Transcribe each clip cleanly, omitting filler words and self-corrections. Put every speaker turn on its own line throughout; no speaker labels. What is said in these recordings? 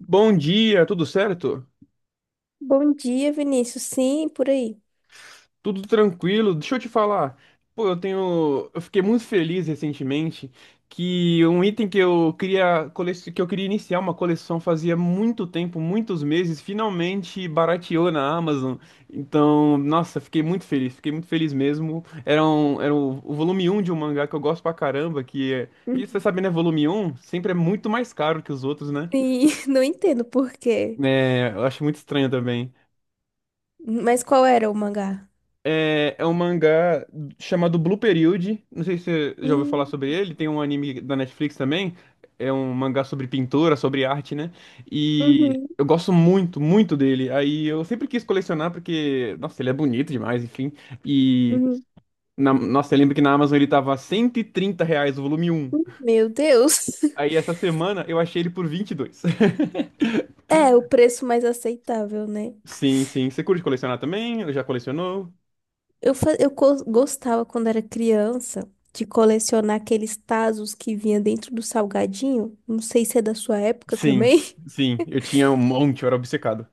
Bom dia, tudo certo?
Bom dia, Vinícius. Sim, por aí.
Tudo tranquilo? Deixa eu te falar. Pô, eu fiquei muito feliz recentemente que um item que eu queria iniciar uma coleção fazia muito tempo, muitos meses, finalmente barateou na Amazon. Então, nossa, fiquei muito feliz mesmo. Era o volume um de um mangá que eu gosto pra caramba, que você
Uhum.
sabe, né, volume um sempre é muito mais caro que os outros, né?
Sim, não entendo por quê.
É, eu acho muito estranho também.
Mas qual era o mangá?
É um mangá chamado Blue Period. Não sei se você já ouviu falar
Hum,
sobre ele. Tem um anime da Netflix também. É um mangá sobre pintura, sobre arte, né? E
uhum,
eu gosto muito, muito dele. Aí eu sempre quis colecionar porque, nossa, ele é bonito demais, enfim. E,
uhum.
nossa, eu lembro que na Amazon ele tava R$ 130 o volume um?
Meu Deus.
Aí essa semana eu achei ele por 22.
É, o preço mais aceitável, né?
Sim, sim. Você curte colecionar também? Ou já colecionou?
Eu, fa- eu co- gostava quando era criança de colecionar aqueles tazos que vinha dentro do salgadinho. Não sei se é da sua época
Sim,
também.
sim. Eu tinha um monte, eu era obcecado.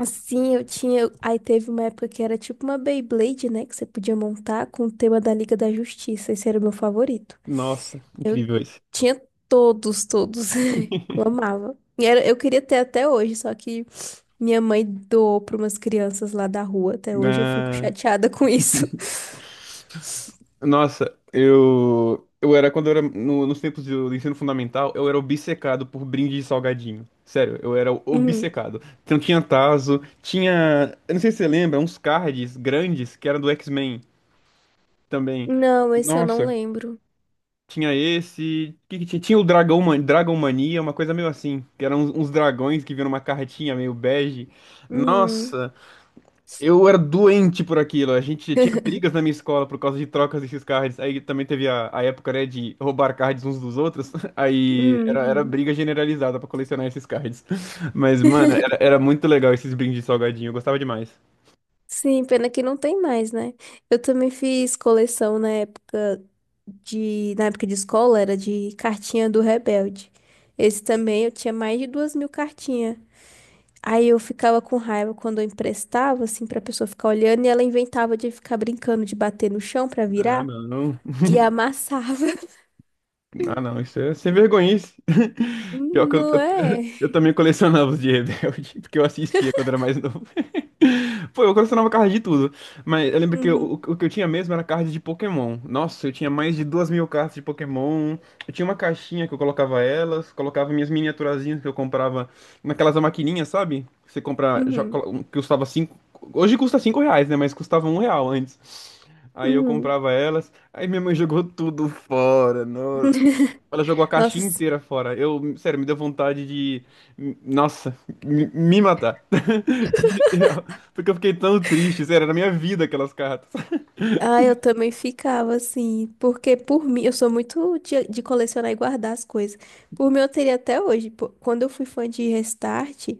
Assim, eu tinha. Aí teve uma época que era tipo uma Beyblade, né? Que você podia montar com o tema da Liga da Justiça. Esse era o meu favorito.
Nossa,
Eu
incrível isso.
tinha todos, todos. Eu amava. E eu queria ter até hoje, só que minha mãe doou para umas crianças lá da rua. Até hoje eu fico
Ah,
chateada com isso.
nossa, eu era quando eu era nos tempos do ensino fundamental, eu era obcecado por brinde de salgadinho. Sério, eu era
Uhum.
obcecado. Então tinha tazo, tinha, eu não sei se você lembra, uns cards grandes que eram do X-Men também.
Não, esse eu não
Nossa,
lembro.
tinha esse, que tinha? Tinha o Dragão, Dragon Mania, uma coisa meio assim, que eram uns dragões que vinham uma cartinha meio bege.
Uhum.
Nossa, eu era doente por aquilo. A gente tinha brigas na minha escola por causa de trocas desses cards. Aí também teve a época, né, de roubar cards uns dos outros. Aí era, era
Uhum.
briga generalizada pra colecionar esses cards. Mas, mano, era, era muito legal esses brindes de salgadinho. Eu gostava demais.
Sim, pena que não tem mais, né? Eu também fiz coleção na época na época de escola, era de cartinha do Rebelde. Esse também eu tinha mais de 2.000 cartinhas. Aí eu ficava com raiva quando eu emprestava, assim, pra pessoa ficar olhando, e ela inventava de ficar brincando de bater no chão pra
Ah,
virar
não.
e amassava.
Ah, não, isso é sem vergonhice. Pior que eu,
Não
eu,
é?
eu também colecionava os de Rebelde, porque eu assistia quando era mais novo. Pô, eu colecionava cards de tudo. Mas eu lembro que eu-
Uhum,
o que eu tinha mesmo era card de Pokémon. Nossa, eu tinha mais de 2 mil cartas de Pokémon. Eu tinha uma caixinha que eu colocava elas, colocava minhas miniaturazinhas que eu comprava naquelas maquininhas, sabe? Que você compra, jo-
uhum,
colo- um que custava cinco. Hoje custa cinco reais, né? Mas custava um real antes. Aí eu
uhum.
comprava elas. Aí minha mãe jogou tudo fora, nossa. Ela jogou a caixinha
Nossa,
inteira fora. Eu, sério, me deu vontade de, nossa, me matar. De- porque eu fiquei tão triste, sério, era na minha vida aquelas cartas.
ah, eu também ficava assim, porque por mim, eu sou muito de colecionar e guardar as coisas. Por mim, eu teria até hoje. Pô, quando eu fui fã de Restart,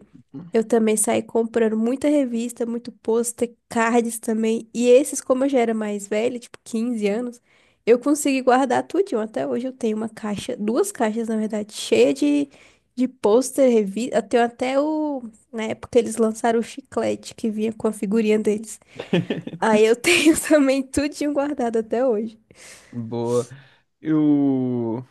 eu também saí comprando muita revista, muito pôster, cards também. E esses, como eu já era mais velha, tipo 15 anos, eu consegui guardar tudinho. Até hoje eu tenho uma caixa, duas caixas, na verdade, cheia de pôster, revista. Eu tenho até o. Na época eles lançaram o chiclete que vinha com a figurinha deles. Aí eu tenho também tudinho guardado até hoje.
Boa. Eu,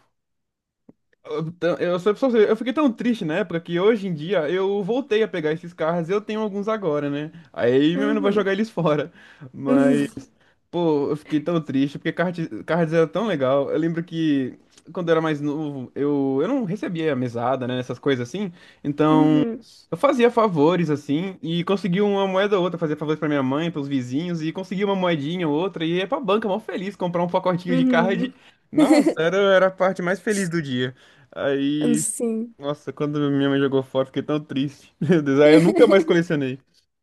eu, tã- eu, só- só- eu fiquei tão triste na época que hoje em dia eu voltei a pegar esses carros. Eu tenho alguns agora, né? Aí minha mãe não vai
Uhum.
jogar eles fora.
Uhum.
Pô, eu fiquei tão triste, porque Cards Cards era tão legal. Eu lembro que quando eu era mais novo, eu não recebia mesada, né? Essas coisas assim. Então,
Uhum.
eu fazia favores, assim, e conseguia uma moeda ou outra, fazia favores pra minha mãe, pros vizinhos, e conseguia uma moedinha ou outra, e ia pra banca, mó feliz, comprar um pacotinho de card.
Uhum.
Nossa, era, era a parte mais feliz do dia. Aí,
Sim.
nossa, quando minha mãe jogou fora, eu fiquei tão triste. Meu Deus, aí eu nunca mais colecionei.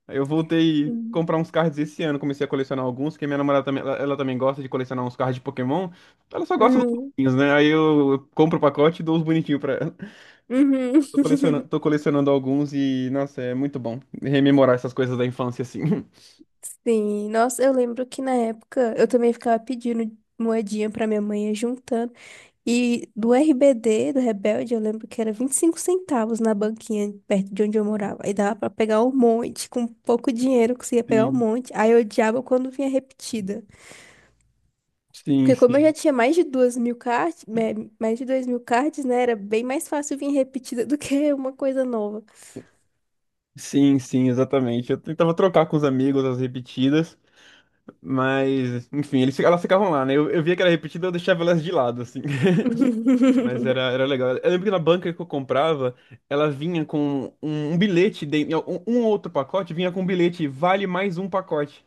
Aí eu voltei a
Uhum.
comprar uns cards esse ano, comecei a colecionar alguns, porque minha namorada também, ela também gosta de colecionar uns cards de Pokémon. Ela só gosta dos
Uhum.
bonitinhos, né? Aí eu compro o pacote e dou os bonitinhos pra ela.
Uhum.
Tô colecionando alguns e, nossa, é muito bom rememorar essas coisas da infância, assim.
Sim. Nossa, eu lembro que na época eu também ficava pedindo moedinha pra minha mãe ia juntando. E do RBD, do Rebelde, eu lembro que era 25 centavos na banquinha perto de onde eu morava. Aí dava pra pegar um monte, com pouco dinheiro eu conseguia pegar um
Sim,
monte. Aí eu odiava quando vinha repetida.
sim,
Porque como eu
sim.
já tinha mais de 2.000 cards, mais de 2.000 cards, né? Era bem mais fácil vir repetida do que uma coisa nova.
Sim, sim, exatamente. Eu tentava trocar com os amigos as repetidas, mas, enfim, elas ficavam lá, né? Eu via que era repetida, eu deixava elas de lado, assim. Mas era, era legal. Eu lembro que na banca que eu comprava, ela vinha com um bilhete, de, um outro pacote vinha com um bilhete, vale mais um pacote.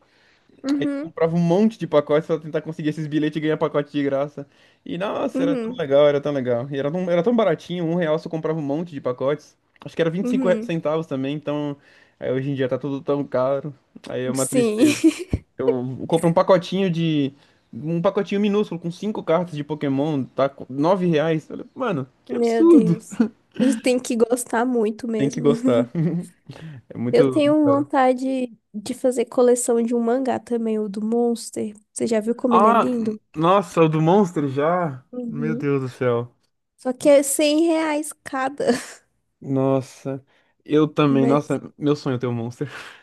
Aí eu
Uhum,
comprava um monte de pacotes pra tentar conseguir esses bilhetes e ganhar pacote de graça. E nossa, era tão
uhum,
legal, era tão legal. E era tão baratinho, um real você comprava um monte de pacotes. Acho que era vinte e cinco
uhum.
centavos também, então aí hoje em dia tá tudo tão caro. Aí é uma
Sim.
tristeza. Eu compro um pacotinho de. Um pacotinho minúsculo com cinco cartas de Pokémon, tá? Com R$ 9. Eu falei, mano, que
Meu
absurdo!
Deus. Tem que gostar muito
Tem que
mesmo.
gostar. É
Eu
muito, muito
tenho
caro.
vontade de fazer coleção de um mangá também, o do Monster. Você já viu como ele é
Ah,
lindo?
nossa, o do Monster já? Meu
Uhum.
Deus do céu.
Só que é R$ 100 cada.
Nossa, eu também.
Mas
Nossa, meu sonho é ter um Monster.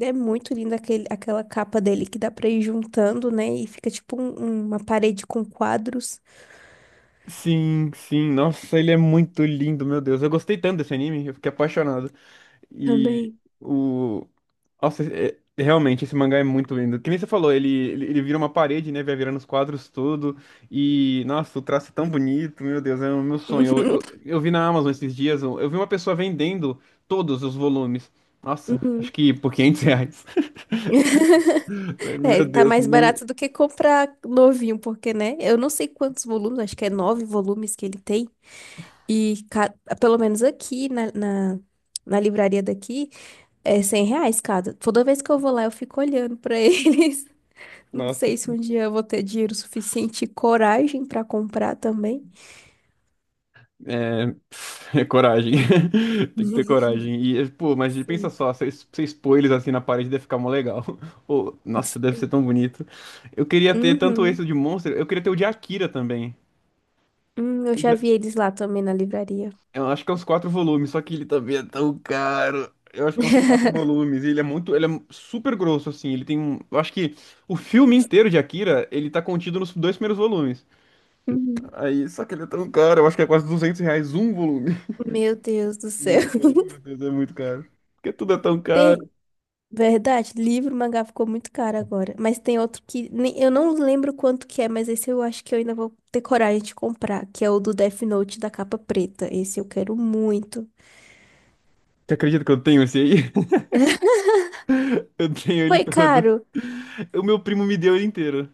é muito linda aquele, aquela capa dele que dá pra ir juntando, né? E fica tipo uma parede com quadros
Sim, sim. Nossa, ele é muito lindo, meu Deus. Eu gostei tanto desse anime, eu fiquei apaixonado. E
também.
o. Nossa, é- é- realmente, esse mangá é muito lindo. Que nem você falou, ele vira uma parede, né? Vai virando os quadros tudo. E, nossa, o traço é tão bonito, meu Deus, é o meu sonho. Eu, eu, eu vi na Amazon esses dias, eu vi uma pessoa vendendo todos os volumes. Nossa, acho
Uhum.
que por R$ 500.
É,
Meu
tá
Deus,
mais
não.
barato do que comprar novinho, porque, né? Eu não sei quantos volumes, acho que é nove volumes que ele tem. E pelo menos aqui na livraria daqui é R$ 100 cada. Toda vez que eu vou lá, eu fico olhando pra eles. Não
Nossa.
sei se um dia eu vou ter dinheiro suficiente e coragem pra comprar também.
É, é coragem. Tem que ter coragem. E, é, pô, mas pensa
Sim.
só, você es- você expor eles assim na parede deve ficar mó legal. Pô, nossa, deve ser
Sim.
tão bonito. Eu queria ter tanto
Uhum.
esse de Monster, eu queria ter o de Akira também.
Eu
Eu
já
já-
vi eles lá também na livraria.
eu acho que é uns quatro volumes, só que ele também é tão caro. Eu acho que é uns quatro volumes. E ele é muito. Ele é super grosso, assim. Ele tem um. Eu acho que o filme inteiro de Akira, ele tá contido nos dois primeiros volumes.
Uhum.
Aí, só que ele é tão caro, eu acho que é quase R$ 200 um volume.
Meu Deus do céu.
Muito caro, meu Deus, é muito caro. Porque tudo é tão caro.
Tem, verdade, livro, mangá ficou muito caro agora. Mas tem outro que eu não lembro quanto que é, mas esse eu acho que eu ainda vou ter coragem de comprar, que é o do Death Note da capa preta. Esse eu quero muito.
Você acredita que eu tenho esse aí? Eu tenho ele
Foi
todo.
caro.
O meu primo me deu ele inteiro.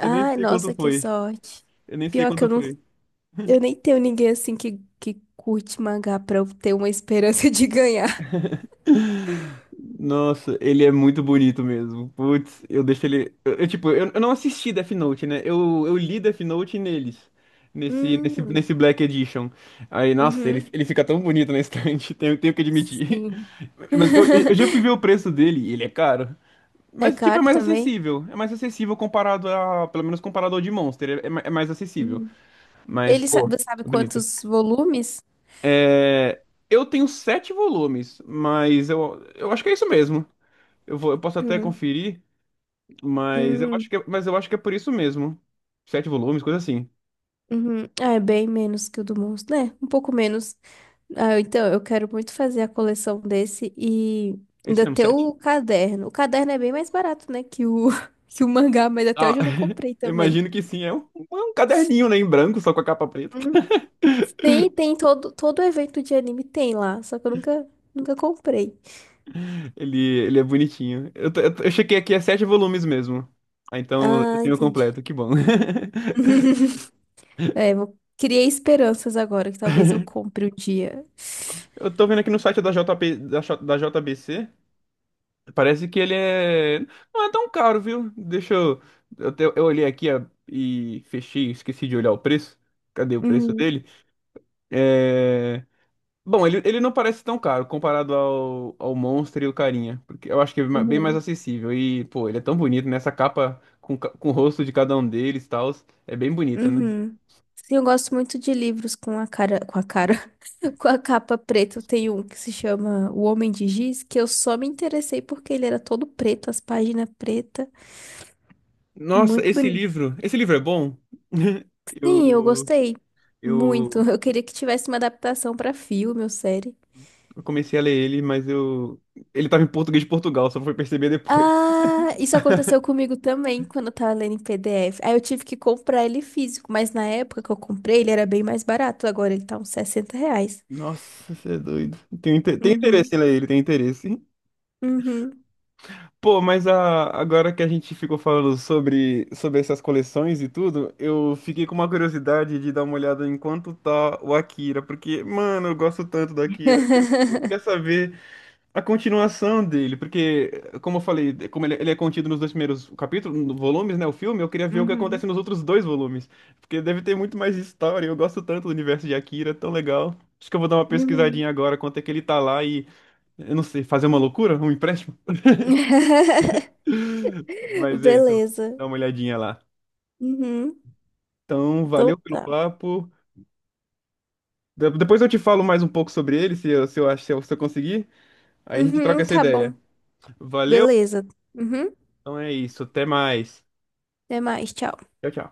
Eu nem sei quanto
nossa, que
foi.
sorte.
Eu nem sei
Pior que
quanto
eu não,
foi.
eu nem tenho ninguém assim que, curte mangá pra eu ter uma esperança de ganhar.
Nossa, ele é muito bonito mesmo. Putz, eu deixo ele. Eu, tipo, eu não assisti Death Note, né? Eu li Death Note neles. Nesse, nesse,
Hum,
nesse Black Edition. Aí, nossa, ele,
uhum.
ele fica tão bonito na estante, tenho, tenho que admitir.
Sim.
Mas eu, eu já fui ver o preço dele e ele é caro.
É
Mas, tipo, é
caro
mais
também?
acessível. É mais acessível comparado a. Pelo menos comparado ao de Monster. É, é mais acessível.
Uhum.
Mas,
Ele sa-
pô,
você sabe
bonito.
quantos volumes?
É, eu tenho sete volumes, mas eu acho que é isso mesmo. Eu vou, eu posso até
Uhum.
conferir, mas eu acho
Uhum.
que, mas eu acho que é por isso mesmo. Sete volumes, coisa assim.
Uhum. Ah, é bem menos que o do Monstro, né? Um pouco menos. Ah, então, eu quero muito fazer a coleção desse e
É isso
ainda
mesmo,
ter
sete.
o caderno. O caderno é bem mais barato, né, que o, que o mangá, mas até
Ah,
hoje eu não comprei também.
imagino que sim. É um caderninho, né, em branco, só com a capa preta.
Hum. Sim, tem todo evento de anime tem lá, só que eu nunca, nunca comprei.
Ele é bonitinho. Eu chequei aqui, é sete volumes mesmo. Ah, então eu
Ah,
tenho
entendi.
completo, que bom.
É, vou. Criei esperanças agora, que talvez eu compre um dia.
Eu tô vendo aqui no site da JP, da JBC. Parece que ele é. Não é tão caro, viu? Deixa eu. Eu olhei aqui ó, e fechei, esqueci de olhar o preço. Cadê o preço
Uhum,
dele? É. Bom, ele não parece tão caro comparado ao Monster e o Carinha. Porque eu acho que é ma- bem mais
uhum,
acessível. E, pô, ele é tão bonito, né? Essa capa com o rosto de cada um deles e tal. É bem bonita, né?
uhum. Sim, eu gosto muito de livros com a cara, com a capa preta. Eu tenho um que se chama O Homem de Giz, que eu só me interessei porque ele era todo preto, as páginas pretas.
Nossa,
Muito
esse
bonito.
livro. Esse livro é bom?
Sim, eu
Eu,
gostei muito.
eu,
Eu queria que tivesse uma adaptação pra filme ou série.
eu comecei a ler ele, mas eu. Ele tava em português de Portugal, só fui perceber depois.
Ah, isso aconteceu comigo também quando eu tava lendo em PDF. Aí eu tive que comprar ele físico, mas na época que eu comprei ele era bem mais barato. Agora ele tá uns R$ 60.
Nossa, você é doido. Tem interesse em
Uhum,
ler ele, tem interesse.
uhum.
Pô, mas a- agora que a gente ficou falando sobre essas coleções e tudo, eu fiquei com uma curiosidade de dar uma olhada em quanto tá o Akira, porque, mano, eu gosto tanto do Akira, que eu queria saber a continuação dele, porque, como eu falei, como ele é contido nos dois primeiros capítulos, volumes, né, o filme, eu queria ver o que
Uhum,
acontece nos outros dois volumes, porque deve ter muito mais história, eu gosto tanto do universo de Akira, é tão legal. Acho que eu vou dar uma
uhum.
pesquisadinha agora, quanto é que ele tá lá e, eu não sei, fazer uma loucura, um empréstimo? Mas é isso,
Beleza.
dá uma olhadinha lá.
Uhum,
Então,
então
valeu pelo
tá.
papo. De- Depois eu te falo mais um pouco sobre ele, se eu, se eu, acho- se eu, se eu conseguir. Aí a gente troca
Uhum,
essa
tá bom.
ideia. Valeu?
Beleza. Uhum,
Então é isso, até mais.
até mais, tchau.
Tchau, tchau.